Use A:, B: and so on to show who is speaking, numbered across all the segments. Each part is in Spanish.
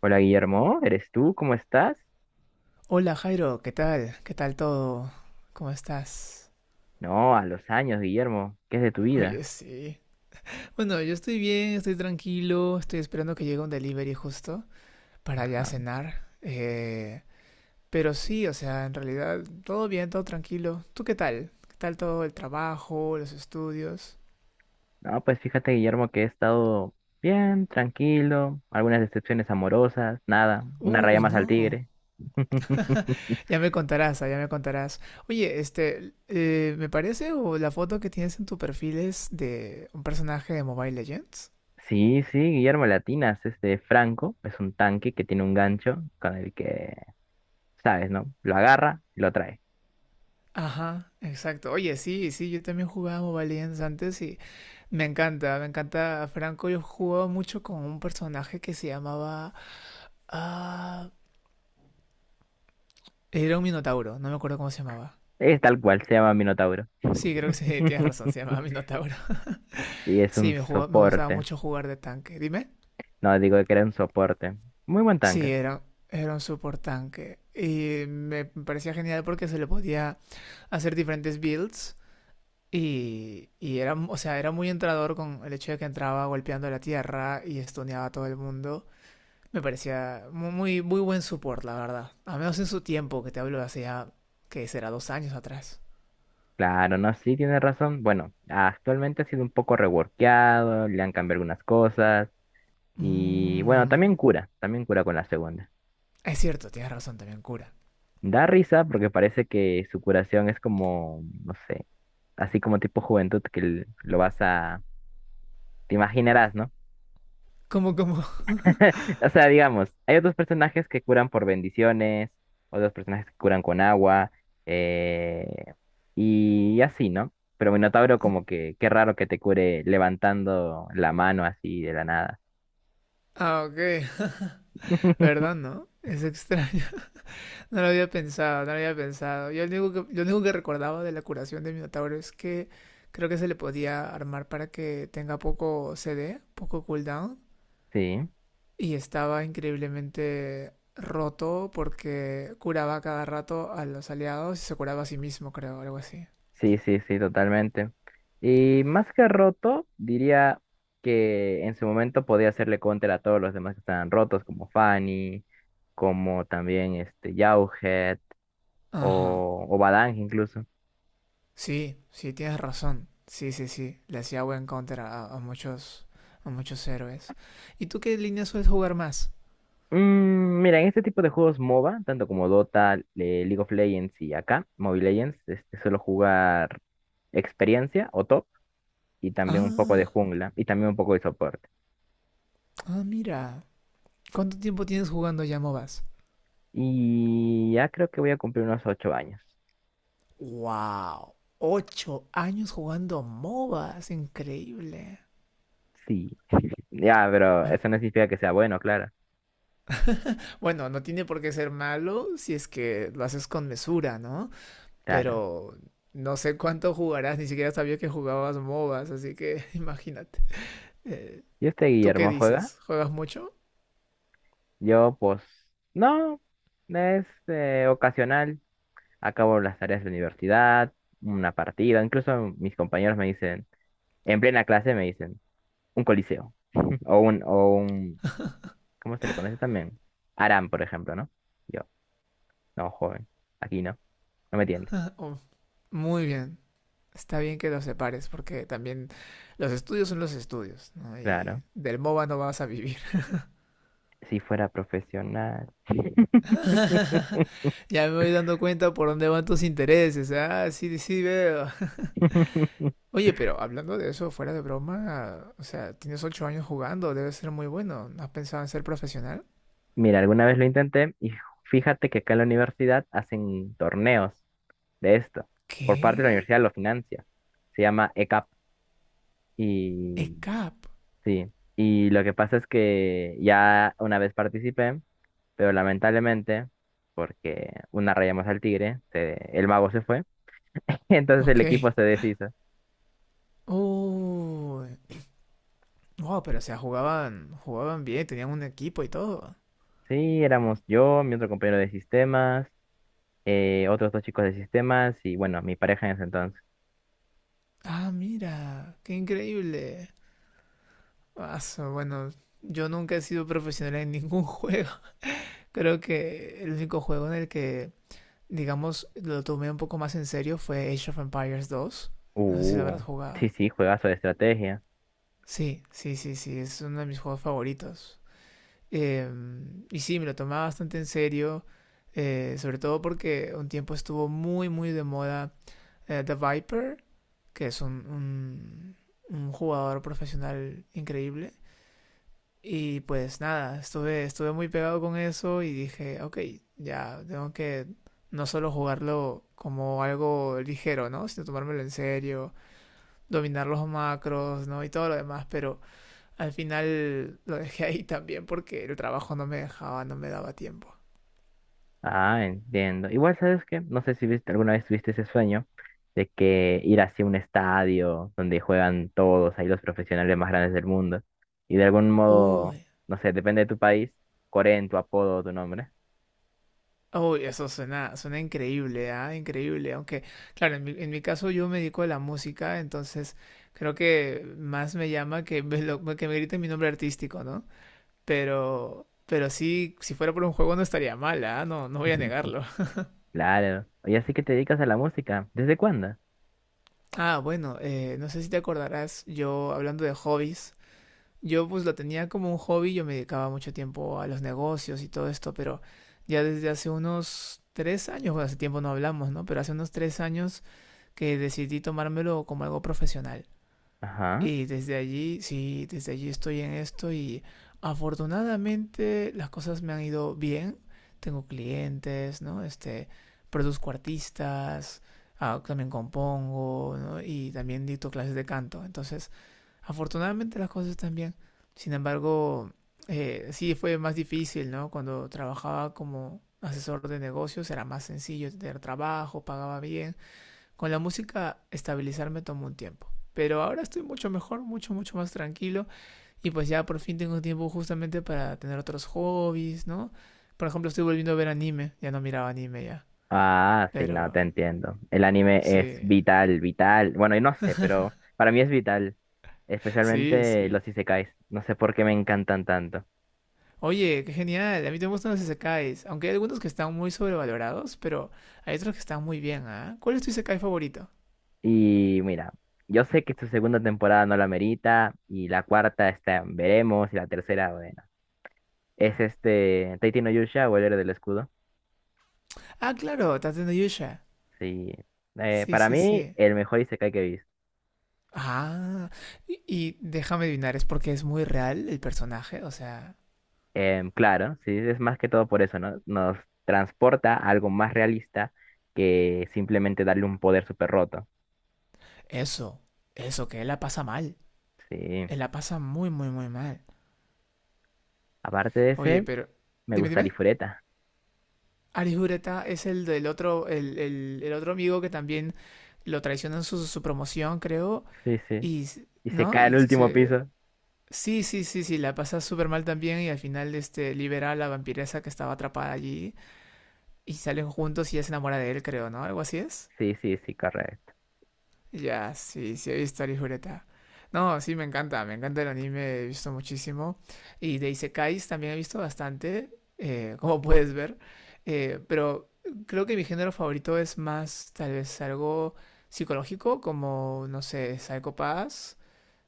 A: Hola Guillermo, ¿eres tú? ¿Cómo estás?
B: Hola Jairo, ¿qué tal? ¿Qué tal todo? ¿Cómo estás?
A: No, a los años, Guillermo, ¿qué es de tu
B: Oye,
A: vida?
B: sí. Bueno, yo estoy bien, estoy tranquilo, estoy esperando que llegue un delivery justo para ya
A: Ajá.
B: cenar. Pero sí, o sea, en realidad todo bien, todo tranquilo. ¿Tú qué tal? ¿Qué tal todo el trabajo, los estudios?
A: No, pues fíjate, Guillermo, que he estado bien, tranquilo, algunas decepciones amorosas, nada, una raya
B: Uy,
A: más al
B: no.
A: tigre.
B: Ya me contarás, ya me contarás. Oye, este, me parece o la foto que tienes en tu perfil es de un personaje de Mobile Legends.
A: Sí, sí, Guillermo Latinas, este Franco es un tanque que tiene un gancho con el que, sabes, ¿no? Lo agarra y lo trae.
B: Ajá, exacto. Oye, sí, sí, yo también jugaba Mobile Legends antes y me encanta Franco. Yo jugaba mucho con un personaje que se llamaba... Ah, era un Minotauro, no me acuerdo cómo se llamaba.
A: Es tal cual, se llama Minotauro.
B: Sí, creo que sí, tienes razón, se llamaba Minotauro.
A: Y es
B: Sí,
A: un
B: me gustaba
A: soporte.
B: mucho jugar de tanque. Dime.
A: No, digo que era un soporte. Muy buen
B: Sí,
A: tanque.
B: era un support tanque. Y me parecía genial porque se le podía hacer diferentes builds. Y era, o sea, era muy entrador con el hecho de que entraba golpeando la tierra y estuneaba a todo el mundo. Me parecía muy, muy buen support, la verdad. A menos en su tiempo, que te hablo de hace ya, que será 2 años atrás.
A: Claro, no, sí, tiene razón. Bueno, actualmente ha sido un poco reworkeado, le han cambiado algunas cosas y bueno,
B: Mm,
A: también cura con la segunda.
B: es cierto, tienes razón también, cura.
A: Da risa porque parece que su curación es como, no sé, así como tipo juventud que lo vas a, te imaginarás, ¿no?
B: ¿Cómo, cómo?
A: O sea, digamos, hay otros personajes que curan por bendiciones, otros personajes que curan con agua, eh, y así, ¿no? Pero Minotauro como que, qué raro que te cure levantando la mano así de la nada.
B: Ah, ok. ¿Verdad, no? Es extraño. No lo había pensado, no lo había pensado. Yo lo único que recordaba de la curación de Minotauro es que creo que se le podía armar para que tenga poco CD, poco cooldown.
A: Sí,
B: Y estaba increíblemente roto porque curaba cada rato a los aliados y se curaba a sí mismo, creo, algo así.
A: sí, sí, sí, totalmente. Y más que roto, diría que en su momento podía hacerle counter a todos los demás que estaban rotos, como Fanny, como también este Jauhead
B: Ajá.
A: o Badang incluso.
B: Sí, sí, tienes razón. Sí, sí, sí. Le hacía buen counter a muchos, a muchos héroes. ¿Y tú qué línea sueles jugar más?
A: Mm, mira, en este tipo de juegos MOBA, tanto como Dota, League of Legends y acá, Mobile Legends, este, suelo jugar experiencia o top y también un poco de
B: Ah,
A: jungla y también un poco de soporte.
B: ah, mira. ¿Cuánto tiempo tienes jugando ya MOBAs?
A: Y ya creo que voy a cumplir unos 8 años.
B: ¡Wow! 8 años jugando MOBAs, increíble.
A: Sí, ya, pero
B: Ay.
A: eso no significa que sea bueno, claro,
B: Bueno, no tiene por qué ser malo si es que lo haces con mesura, ¿no?
A: claro.
B: Pero no sé cuánto jugarás, ni siquiera sabía que jugabas MOBAs, así que imagínate. Eh,
A: Y este
B: ¿Tú qué
A: Guillermo juega,
B: dices? ¿Juegas mucho?
A: yo pues no, es ocasional, acabo las tareas de la universidad, una partida, incluso mis compañeros me dicen, en plena clase me dicen. Un coliseo o un, ¿cómo se le conoce también? Aram, por ejemplo, ¿no? Yo, no, joven, aquí no, no me entiendes.
B: Oh, muy bien. Está bien que los separes, porque también los estudios son los estudios, ¿no? Y
A: Claro,
B: del MOBA no vas a vivir.
A: si fuera profesional.
B: Ya me voy dando cuenta por dónde van tus intereses. ¿Eh? Ah, sí, sí veo. Oye, pero hablando de eso, fuera de broma, o sea, tienes 8 años jugando, debe ser muy bueno. ¿No has pensado en ser profesional?
A: Mira, alguna vez lo intenté y fíjate que acá en la universidad hacen torneos de esto. Por parte de la
B: ¿Qué?
A: universidad lo financia. Se llama ECAP y
B: ECAP.
A: sí. Y lo que pasa es que ya una vez participé. Pero lamentablemente, porque una raya más al tigre, el mago se fue. Y entonces el
B: Ok.
A: equipo se deshizo.
B: Uy. Wow, pero o sea, jugaban, jugaban bien, tenían un equipo y todo.
A: Sí, éramos yo, mi otro compañero de sistemas, otros dos chicos de sistemas y bueno, mi pareja en ese entonces.
B: Ah, mira, qué increíble. Ah, bueno, yo nunca he sido profesional en ningún juego. Creo que el único juego en el que, digamos, lo tomé un poco más en serio fue Age of Empires 2. No sé si lo
A: Uh,
B: habrás jugado.
A: sí, sí, juegazo de estrategia.
B: Sí, sí, sí, sí, es uno de mis juegos favoritos. Y sí, me lo tomaba bastante en serio, sobre todo porque un tiempo estuvo muy, muy de moda, The Viper, que es un jugador profesional increíble. Y pues nada, estuve muy pegado con eso y dije, ok, ya tengo que no solo jugarlo como algo ligero, ¿no? Sino tomármelo en serio, dominar los macros, ¿no? Y todo lo demás, pero al final lo dejé ahí también porque el trabajo no me dejaba, no me daba tiempo.
A: Ah, entiendo. Igual, ¿sabes qué? No sé si viste, alguna vez tuviste ese sueño de que ir hacia un estadio donde juegan todos, ahí los profesionales más grandes del mundo. Y de algún modo,
B: Uy,
A: no sé, depende de tu país, Corea en tu apodo o tu nombre.
B: uy, eso suena increíble, ¿ah? Increíble. Aunque, claro, en mi caso yo me dedico a la música, entonces creo que más me llama que me griten mi nombre artístico, ¿no? Pero sí, si fuera por un juego no estaría mal, ¿ah? No, no voy a negarlo.
A: Claro. Oye, así que te dedicas a la música. ¿Desde cuándo?
B: Ah, bueno, no sé si te acordarás, yo hablando de hobbies. Yo pues lo tenía como un hobby, yo me dedicaba mucho tiempo a los negocios y todo esto, pero ya desde hace unos 3 años, bueno, hace tiempo no hablamos, ¿no? Pero hace unos 3 años que decidí tomármelo como algo profesional.
A: Ajá.
B: Y desde allí, sí, desde allí estoy en esto y afortunadamente las cosas me han ido bien. Tengo clientes, ¿no? Este, produzco artistas, también compongo, ¿no? Y también dicto clases de canto. Entonces, afortunadamente las cosas están bien. Sin embargo, sí fue más difícil, ¿no? Cuando trabajaba como asesor de negocios era más sencillo tener trabajo, pagaba bien. Con la música estabilizarme tomó un tiempo. Pero ahora estoy mucho mejor, mucho, mucho más tranquilo. Y pues ya por fin tengo tiempo justamente para tener otros hobbies, ¿no? Por ejemplo, estoy volviendo a ver anime. Ya no miraba anime ya.
A: Ah, sí, no, te
B: Pero
A: entiendo. El anime es
B: sí,
A: vital, vital. Bueno, y no sé, pero para mí es vital.
B: sí,
A: Especialmente
B: sí.
A: los isekais. No sé por qué me encantan tanto.
B: Oye, qué genial. A mí también me gustan los isekais, aunque hay algunos que están muy sobrevalorados, pero hay otros que están muy bien, ¿ah? ¿Cuál es tu isekai favorito?
A: Y mira, yo sé que su segunda temporada no la merita. Y la cuarta está, en veremos. Y la tercera, bueno. Es este, Taiti no Yusha o el héroe del escudo.
B: Ah, claro, Tate no Yusha.
A: Sí.
B: Sí,
A: Para
B: sí,
A: mí,
B: sí.
A: el mejor isekai que he visto.
B: Ah, y déjame adivinar, ¿es porque es muy real el personaje? O sea,
A: Claro, sí, es más que todo por eso, ¿no? Nos transporta a algo más realista que simplemente darle un poder súper roto.
B: eso, eso, que él la pasa mal.
A: Sí.
B: Él la pasa muy, muy, muy mal.
A: Aparte de
B: Oye,
A: ese,
B: pero,
A: me
B: dime,
A: gusta
B: dime.
A: Ifureta.
B: Arihureta es el del otro, el otro amigo que también lo traicionan su promoción, creo,
A: Sí, sí.
B: y,
A: Y se
B: ¿no?
A: cae al último piso.
B: Sí, sí, sí, sí, la pasa súper mal también y al final este, libera a la vampiresa que estaba atrapada allí y salen juntos y ella se enamora de él, creo, ¿no? Algo así es.
A: Sí, sí, sí, correcto.
B: Ya, sí, sí, he visto a Lijureta. No, sí, me encanta el anime, he visto muchísimo. Y de Isekais también he visto bastante, como puedes ver. Pero creo que mi género favorito es más, tal vez, algo psicológico, como, no sé, Psycho Pass.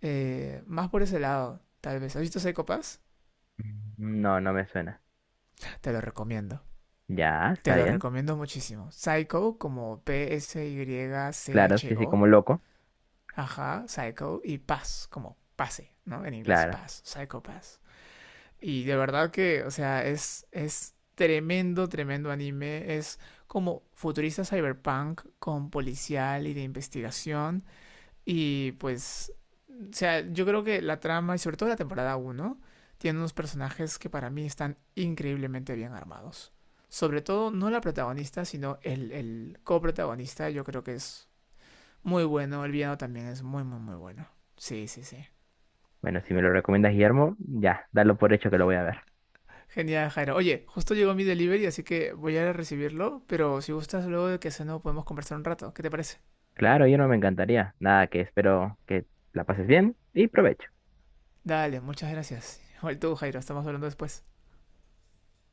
B: Más por ese lado, tal vez. ¿Has visto Psycho Pass?
A: Mm, no, no me suena.
B: Te lo recomiendo.
A: Ya,
B: Te
A: está
B: lo
A: bien.
B: recomiendo muchísimo. Psycho como
A: Claro, sí, sí,
B: Psycho.
A: como loco.
B: Ajá, Psycho. Y Paz como pase, ¿no? En inglés,
A: Claro.
B: Paz. Psycho Paz. Y de verdad que, o sea, es tremendo, tremendo anime. Es como futurista cyberpunk con policial y de investigación. Y pues o sea, yo creo que la trama, y sobre todo la temporada uno tiene unos personajes que para mí están increíblemente bien armados. Sobre todo, no la protagonista, sino el coprotagonista, yo creo que es muy bueno. El villano también es muy, muy, muy bueno. Sí, sí, sí.
A: Bueno, si me lo recomiendas, Guillermo, ya, dalo por hecho que lo voy a ver.
B: Genial, Jairo. Oye, justo llegó mi delivery, así que voy a ir a recibirlo, pero si gustas, luego de que no podemos conversar un rato. ¿Qué te parece?
A: Claro, yo no me encantaría. Nada, que espero que la pases bien y provecho.
B: Dale, muchas gracias. Igual tú, Jairo, estamos hablando después.